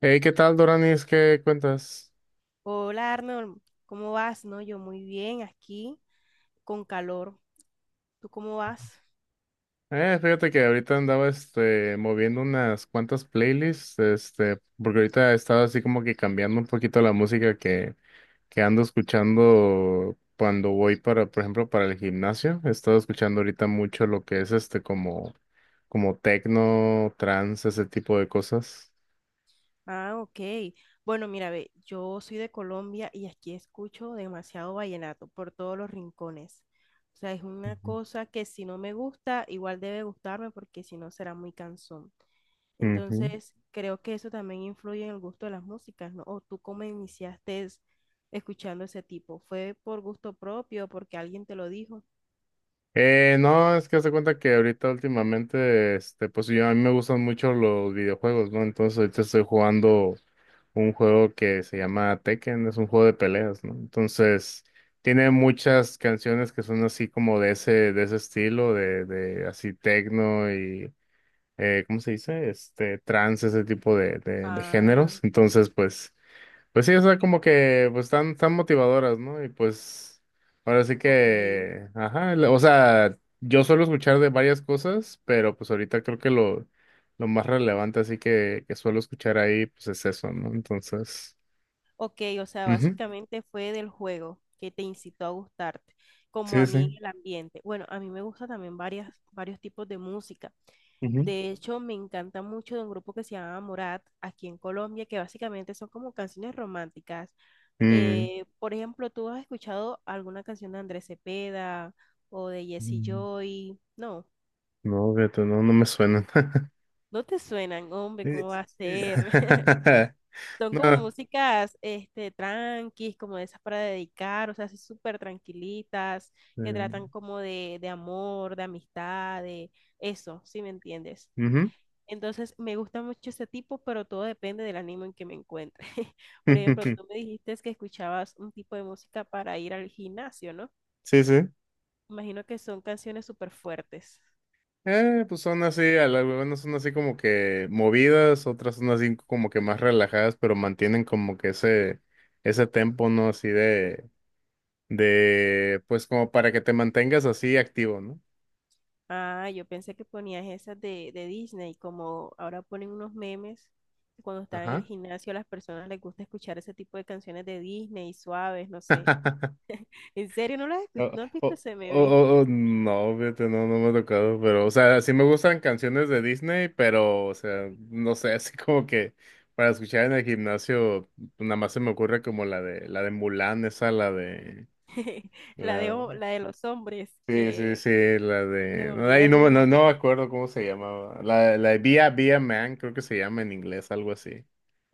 Hey, ¿qué tal, Doranis? ¿Qué cuentas? Hola Arnold, ¿cómo vas? No, yo muy bien, aquí con calor. ¿Tú cómo vas? Fíjate que ahorita andaba moviendo unas cuantas playlists, porque ahorita he estado así como que cambiando un poquito la música que ando escuchando cuando voy para, por ejemplo, para el gimnasio. He estado escuchando ahorita mucho lo que es como techno, trance, ese tipo de cosas. Ah, ok. Bueno, mira, ve, yo soy de Colombia y aquí escucho demasiado vallenato por todos los rincones. O sea, es una Ujú. cosa que si no me gusta, igual debe gustarme porque si no será muy cansón. Ujú. Entonces, creo que eso también influye en el gusto de las músicas, ¿no? ¿O tú cómo iniciaste escuchando ese tipo? ¿Fue por gusto propio, porque alguien te lo dijo? No, es que haz de cuenta que ahorita últimamente, pues yo a mí me gustan mucho los videojuegos, ¿no? Entonces ahorita estoy jugando un juego que se llama Tekken, es un juego de peleas, ¿no? Entonces tiene muchas canciones que son así como de ese estilo, de así tecno y, ¿cómo se dice? Trance, ese tipo de Ah, géneros. Entonces, pues sí, o sea, como que pues están motivadoras, ¿no? Y pues ahora sí ok. que, ajá, o sea, yo suelo escuchar de varias cosas, pero pues ahorita creo que lo más relevante así que suelo escuchar ahí, pues es eso, ¿no? Entonces, Ok, o sea, ujú. básicamente fue del juego que te incitó a gustarte, como Sí, a sí. mí en el ambiente. Bueno, a mí me gusta también varios tipos de música. Ujú. De hecho, me encanta mucho de un grupo que se llama Morat, aquí en Colombia, que básicamente son como canciones románticas. Mm, Por ejemplo, ¿tú has escuchado alguna canción de Andrés Cepeda o de Jesse mm, Joy? No, no, fíjate, no me suenan. no te suenan, hombre, Eh, ¿cómo va a ser? eh, Son como No. músicas, tranquis, como de esas para dedicar, o sea, así súper tranquilitas, que Eh, tratan como de amor, de amistad, de eso, ¿sí me entiendes? ujú. Entonces, me gusta mucho ese tipo, pero todo depende del ánimo en que me encuentre. Por ejemplo, tú me dijiste que escuchabas un tipo de música para ir al gimnasio, ¿no? Sí, sí. Imagino que son canciones súper fuertes. Pues son así, algunas son así como que movidas, otras son así como que más relajadas, pero mantienen como que ese tempo, ¿no? Así pues como para que te mantengas así activo, ¿no? Ah, yo pensé que ponías esas de Disney, como ahora ponen unos memes, que cuando están en el Ajá. gimnasio a las personas les gusta escuchar ese tipo de canciones de Disney, suaves, no sé. ¿En serio no las escu- ¿No has visto ese meme? No, fíjate, no me ha tocado, pero, o sea, sí me gustan canciones de Disney, pero, o sea, no sé, así como que para escuchar en el gimnasio, nada más se me ocurre como la de Mulan, esa, la de... La de, La, la de los hombres, sí, sí, que sí, la se me de... No, olvida ahí no, el no, no me nombre. acuerdo cómo se llamaba. La de Via Via Man, creo que se llama en inglés, algo así.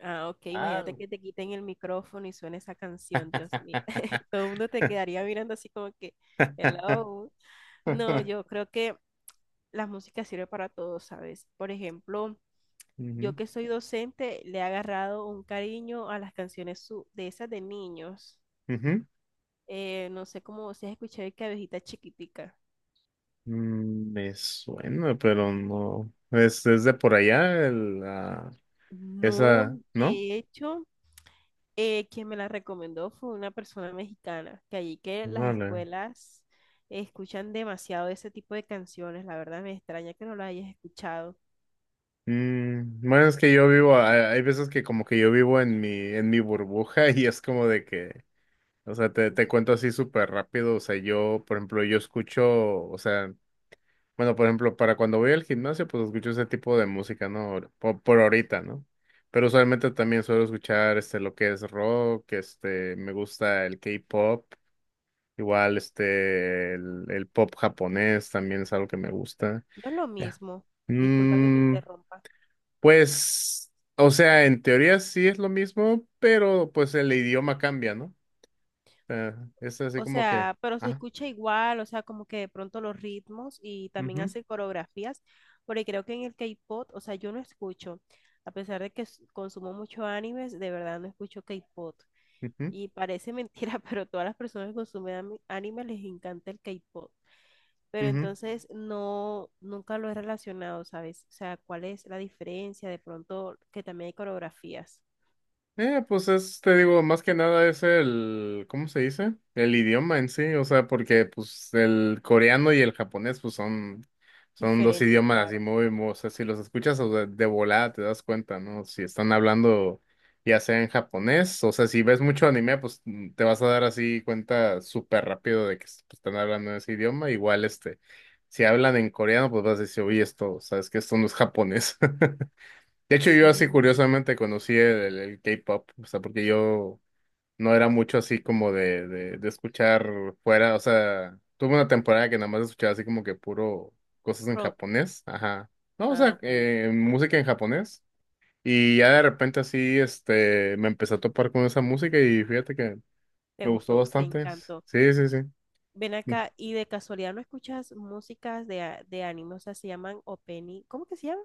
Ah, ok, Ah, imagínate que te quiten el micrófono y suene esa canción, Dios mío. Todo el mundo te quedaría mirando así como que, hello. No, yo creo que la música sirve para todo, ¿sabes? Por ejemplo, ujú, yo que soy docente, le he agarrado un cariño a las canciones de esas de niños. ujú. No sé cómo se escuchado de Cabecita Chiquitica. Mm, me suena, pero no. Es de por allá, No, esa, ¿no? de hecho, quien me la recomendó fue una persona mexicana, que allí que las Vale. escuelas escuchan demasiado ese tipo de canciones. La verdad me extraña que no las hayas escuchado. Mm, bueno, es que yo vivo, hay veces que como que yo vivo en en mi burbuja y es como de que o sea, te cuento así súper rápido. O sea, yo, por ejemplo, yo escucho, o sea, bueno, por ejemplo, para cuando voy al gimnasio, pues escucho ese tipo de música, ¿no? Por ahorita, ¿no? Pero usualmente también suelo escuchar, este, lo que es rock, este, me gusta el K-pop, igual, este, el pop japonés también es algo que me gusta. No es lo Ya. mismo. Disculpa que te Mm, interrumpa. pues, o sea, en teoría sí es lo mismo, pero pues el idioma cambia, ¿no? O sea, es así O como que... sea, pero se ajá. escucha igual, o sea, como que de pronto los ritmos y también Ujú, hace coreografías, porque creo que en el K-pop, o sea, yo no escucho, a pesar de que consumo mucho animes, de verdad no escucho K-pop. ujú, Y parece mentira, pero todas las personas que consumen anime les encanta el K-pop. Pero ujú. entonces no, nunca lo he relacionado, ¿sabes? O sea, ¿cuál es la diferencia? De pronto que también hay coreografías Pues es, te digo, más que nada es el, ¿cómo se dice? El idioma en sí, o sea, porque pues el coreano y el japonés pues son, son dos diferentes, idiomas así claro. O sea, si los escuchas o sea, de volada te das cuenta, ¿no? Si están hablando ya sea en japonés, o sea, si ves mucho anime, pues mm, te vas a dar así cuenta súper rápido de que pues, están hablando ese idioma, igual este, si hablan en coreano, pues vas a decir, oye, esto, sabes que esto no es japonés. De hecho, yo así Sí, curiosamente conocí el K-pop, o sea, porque yo no era mucho así como de escuchar fuera, o sea, tuve una temporada que nada más escuchaba así como que puro cosas en Rod. japonés, ajá, no, o Ah, sea, ok. Música en japonés, y ya de repente así, este, me empecé a topar con esa música y fíjate que Te me gustó gustó, te bastante, encantó. sí, sí, sí, Ven acá, y de casualidad no escuchas músicas de, de anime, o sea, se llaman opening. ¿Cómo que se llama?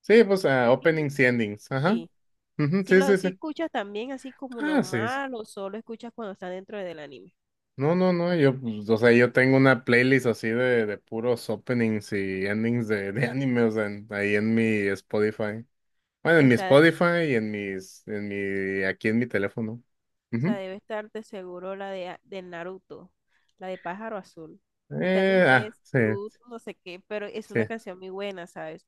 sí, pues ah, openings Opening. y endings, ajá, Sí. ujú, Si sí, lo sí, sí, si escuchas también así como ah, sí, sí. normal o solo escuchas cuando está dentro del anime. No, no, no, yo, pues, o sea, yo tengo una playlist así de puros openings y endings de animes ahí en mi Spotify. Bueno, en mi Está, Spotify y en en mi, aquí en mi teléfono. o sea, Ujú. debe estar de seguro la de, de Naruto, la de Pájaro Azul. Está en Ah, inglés, sí, Blue, no sé qué, pero es sí. una canción muy buena, ¿sabes?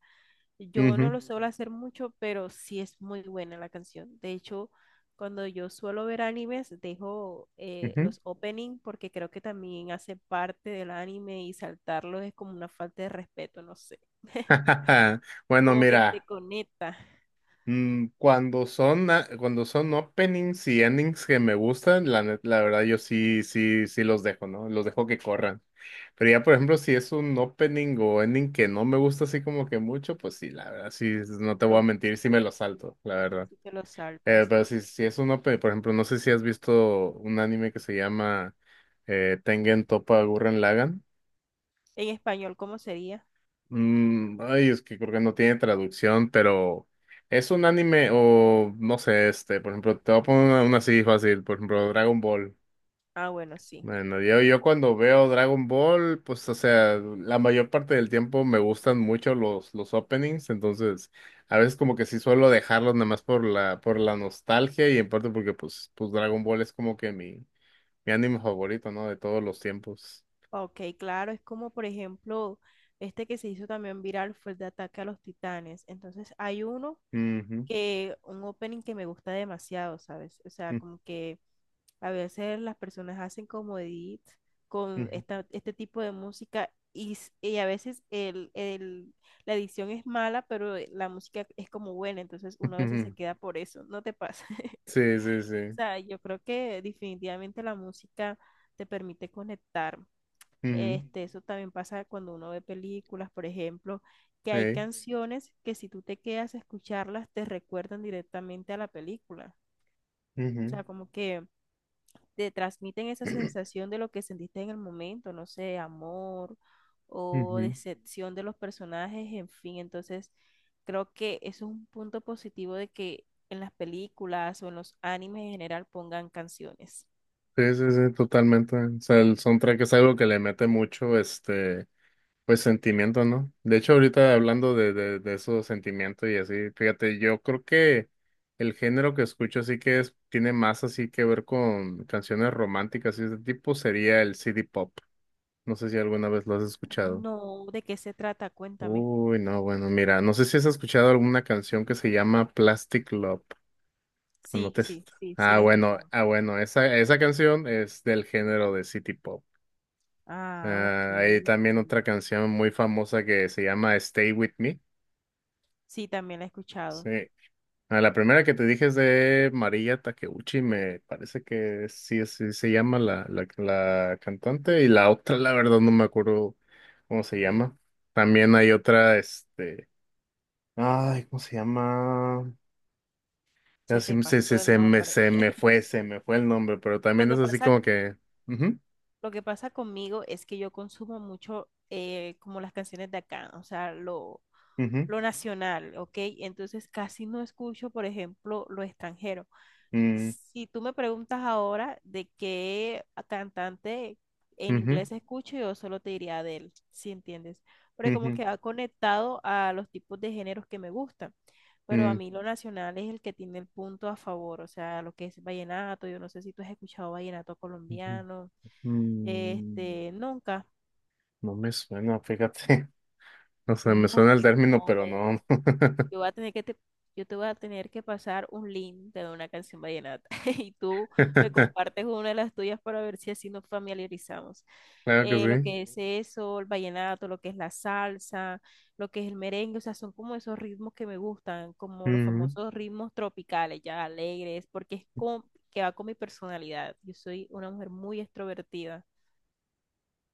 Yo no Ujú, lo suelo hacer mucho, pero sí es muy buena la canción. De hecho, cuando yo suelo ver animes, dejo ujú. los opening porque creo que también hace parte del anime y saltarlos es como una falta de respeto, no sé. Bueno, Como que te mira. conecta Mm, cuando son, cuando son openings y endings que me gustan, la verdad yo sí, sí, sí los dejo, ¿no? Los dejo que corran. Pero ya, por ejemplo, si es un opening o ending que no me gusta así como que mucho, pues sí, la verdad, sí, no te voy a los mentir, sí me lo salto, la verdad. si te los saltas. Pero si es un opening, por ejemplo, no sé si has visto un anime que se llama Tengen Toppa Gurren Lagann. En español, ¿cómo sería? Mm, ay, es que creo que no tiene traducción, pero es un anime o no sé, este, por ejemplo, te voy a poner una así fácil, por ejemplo, Dragon Ball. Ah, bueno, sí. Bueno, yo cuando veo Dragon Ball, pues, o sea, la mayor parte del tiempo me gustan mucho los openings, entonces, a veces como que sí suelo dejarlos nada más por por la nostalgia y en parte porque, pues Dragon Ball es como que mi anime favorito, ¿no? De todos los tiempos. Ok, claro, es como por ejemplo este que se hizo también viral fue el de Ataque a los Titanes. Entonces hay uno Ujú, que, un opening que me gusta demasiado, ¿sabes? O sea, como que a veces las personas hacen como edit con ujú, ujú, esta, este tipo de música y, y a veces la edición es mala, pero la música es como buena, entonces uno a veces se ujú. queda por eso, ¿no te pasa? Sí, sí, O sí. sea, yo creo que definitivamente la música te permite conectar. Ujú. Este, eso también pasa cuando uno ve películas, por ejemplo, que hay Sí, canciones que si tú te quedas a escucharlas te recuerdan directamente a la película. O ujú, sea, como que te transmiten esa sensación de lo que sentiste en el momento, no sé, amor o ujú. decepción de los personajes, en fin. Entonces, creo que eso es un punto positivo de que en las películas o en los animes en general pongan canciones. Sí, sí, sí, totalmente. O sea, el soundtrack es algo que le mete mucho, este, pues sentimiento, ¿no? De hecho, ahorita hablando de esos sentimientos y así, fíjate, yo creo que el género que escucho así que es, tiene más así que ver con canciones románticas y ese tipo sería el CD pop. No sé si alguna vez lo has escuchado. No, ¿de qué se trata? Cuéntame. Uy, no, bueno, mira, no sé si has escuchado alguna canción que se llama Plastic Love. Pues No Sí, te- sí, sí, sí ah, la he bueno, escuchado. ah, bueno, esa canción es del género de City Pop. Ah, ok. Ah, hay también otra canción muy famosa que se llama Stay With Me. Sí, también la he escuchado. Sí. Ah, la primera que te dije es de María Takeuchi, me parece que sí, sí se llama la cantante, y la otra, la verdad, no me acuerdo cómo se llama. También hay otra, este, ay, ¿cómo se llama? Se te pasó el nombre. Se me fue el nombre, pero Lo también es que así pasa, como que... ujú. lo que pasa conmigo es que yo consumo mucho como las canciones de acá, o sea, Ujú, lo nacional, ¿ok? Entonces casi no escucho, por ejemplo, lo extranjero. mm, Si tú me preguntas ahora de qué cantante en ujú, inglés escucho, yo solo te diría Adele, si entiendes. Porque como ujú, que ha conectado a los tipos de géneros que me gustan. Pero a mm, mí lo nacional es el que tiene el punto a favor, o sea, lo que es vallenato. Yo no sé si tú has escuchado vallenato ujú, colombiano. mm. Este, nunca. No me suena, fíjate. O sea, me suena No, el no, término, pero hombre, no. Yo voy a tener que te, yo te voy a tener que pasar un link de una canción vallenata y tú me compartes una de las tuyas para ver si así nos familiarizamos. Claro que Lo sí. que es eso, el vallenato, lo que es la salsa, lo que es el merengue, o sea, son como esos ritmos que me gustan, como los Ujú, famosos ritmos tropicales, ya alegres, porque es como que va con mi personalidad. Yo soy una mujer muy extrovertida.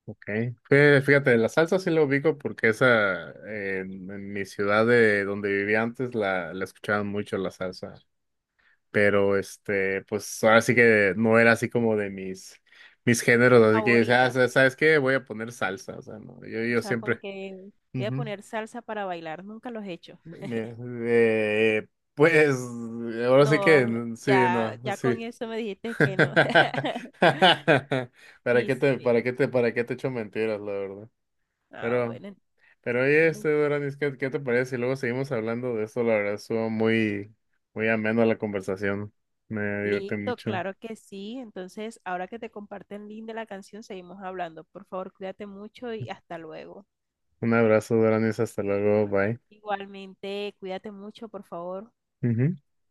ok. Fíjate, la salsa sí la ubico porque esa en mi ciudad de donde vivía antes la escuchaban mucho la salsa. Pero este, pues ahora sí que no era así como de mis géneros. Tus Así que, o sea, favoritas, ¿sabes qué? Voy a poner salsa. O sea, no, o yo sea, como siempre. que voy a poner salsa para bailar, nunca los he hecho. Bien, eh, pues ahora sí que No, sí, ya, no, ya sí. con eso me dijiste que no. ¿Para qué ¿Viste? Te echo mentiras, la verdad? Ah, Pero, bueno, pero oye, bueno, este Doranis, qué te parece? Si luego seguimos hablando de esto, la verdad, estuvo muy ameno la conversación. Me divertí listo, mucho. claro que sí. Entonces, ahora que te comparto el link de la canción, seguimos hablando. Por favor, cuídate mucho y hasta luego. Un abrazo, Doranis, hasta luego, bye. Igualmente, cuídate mucho, por favor. Ujú.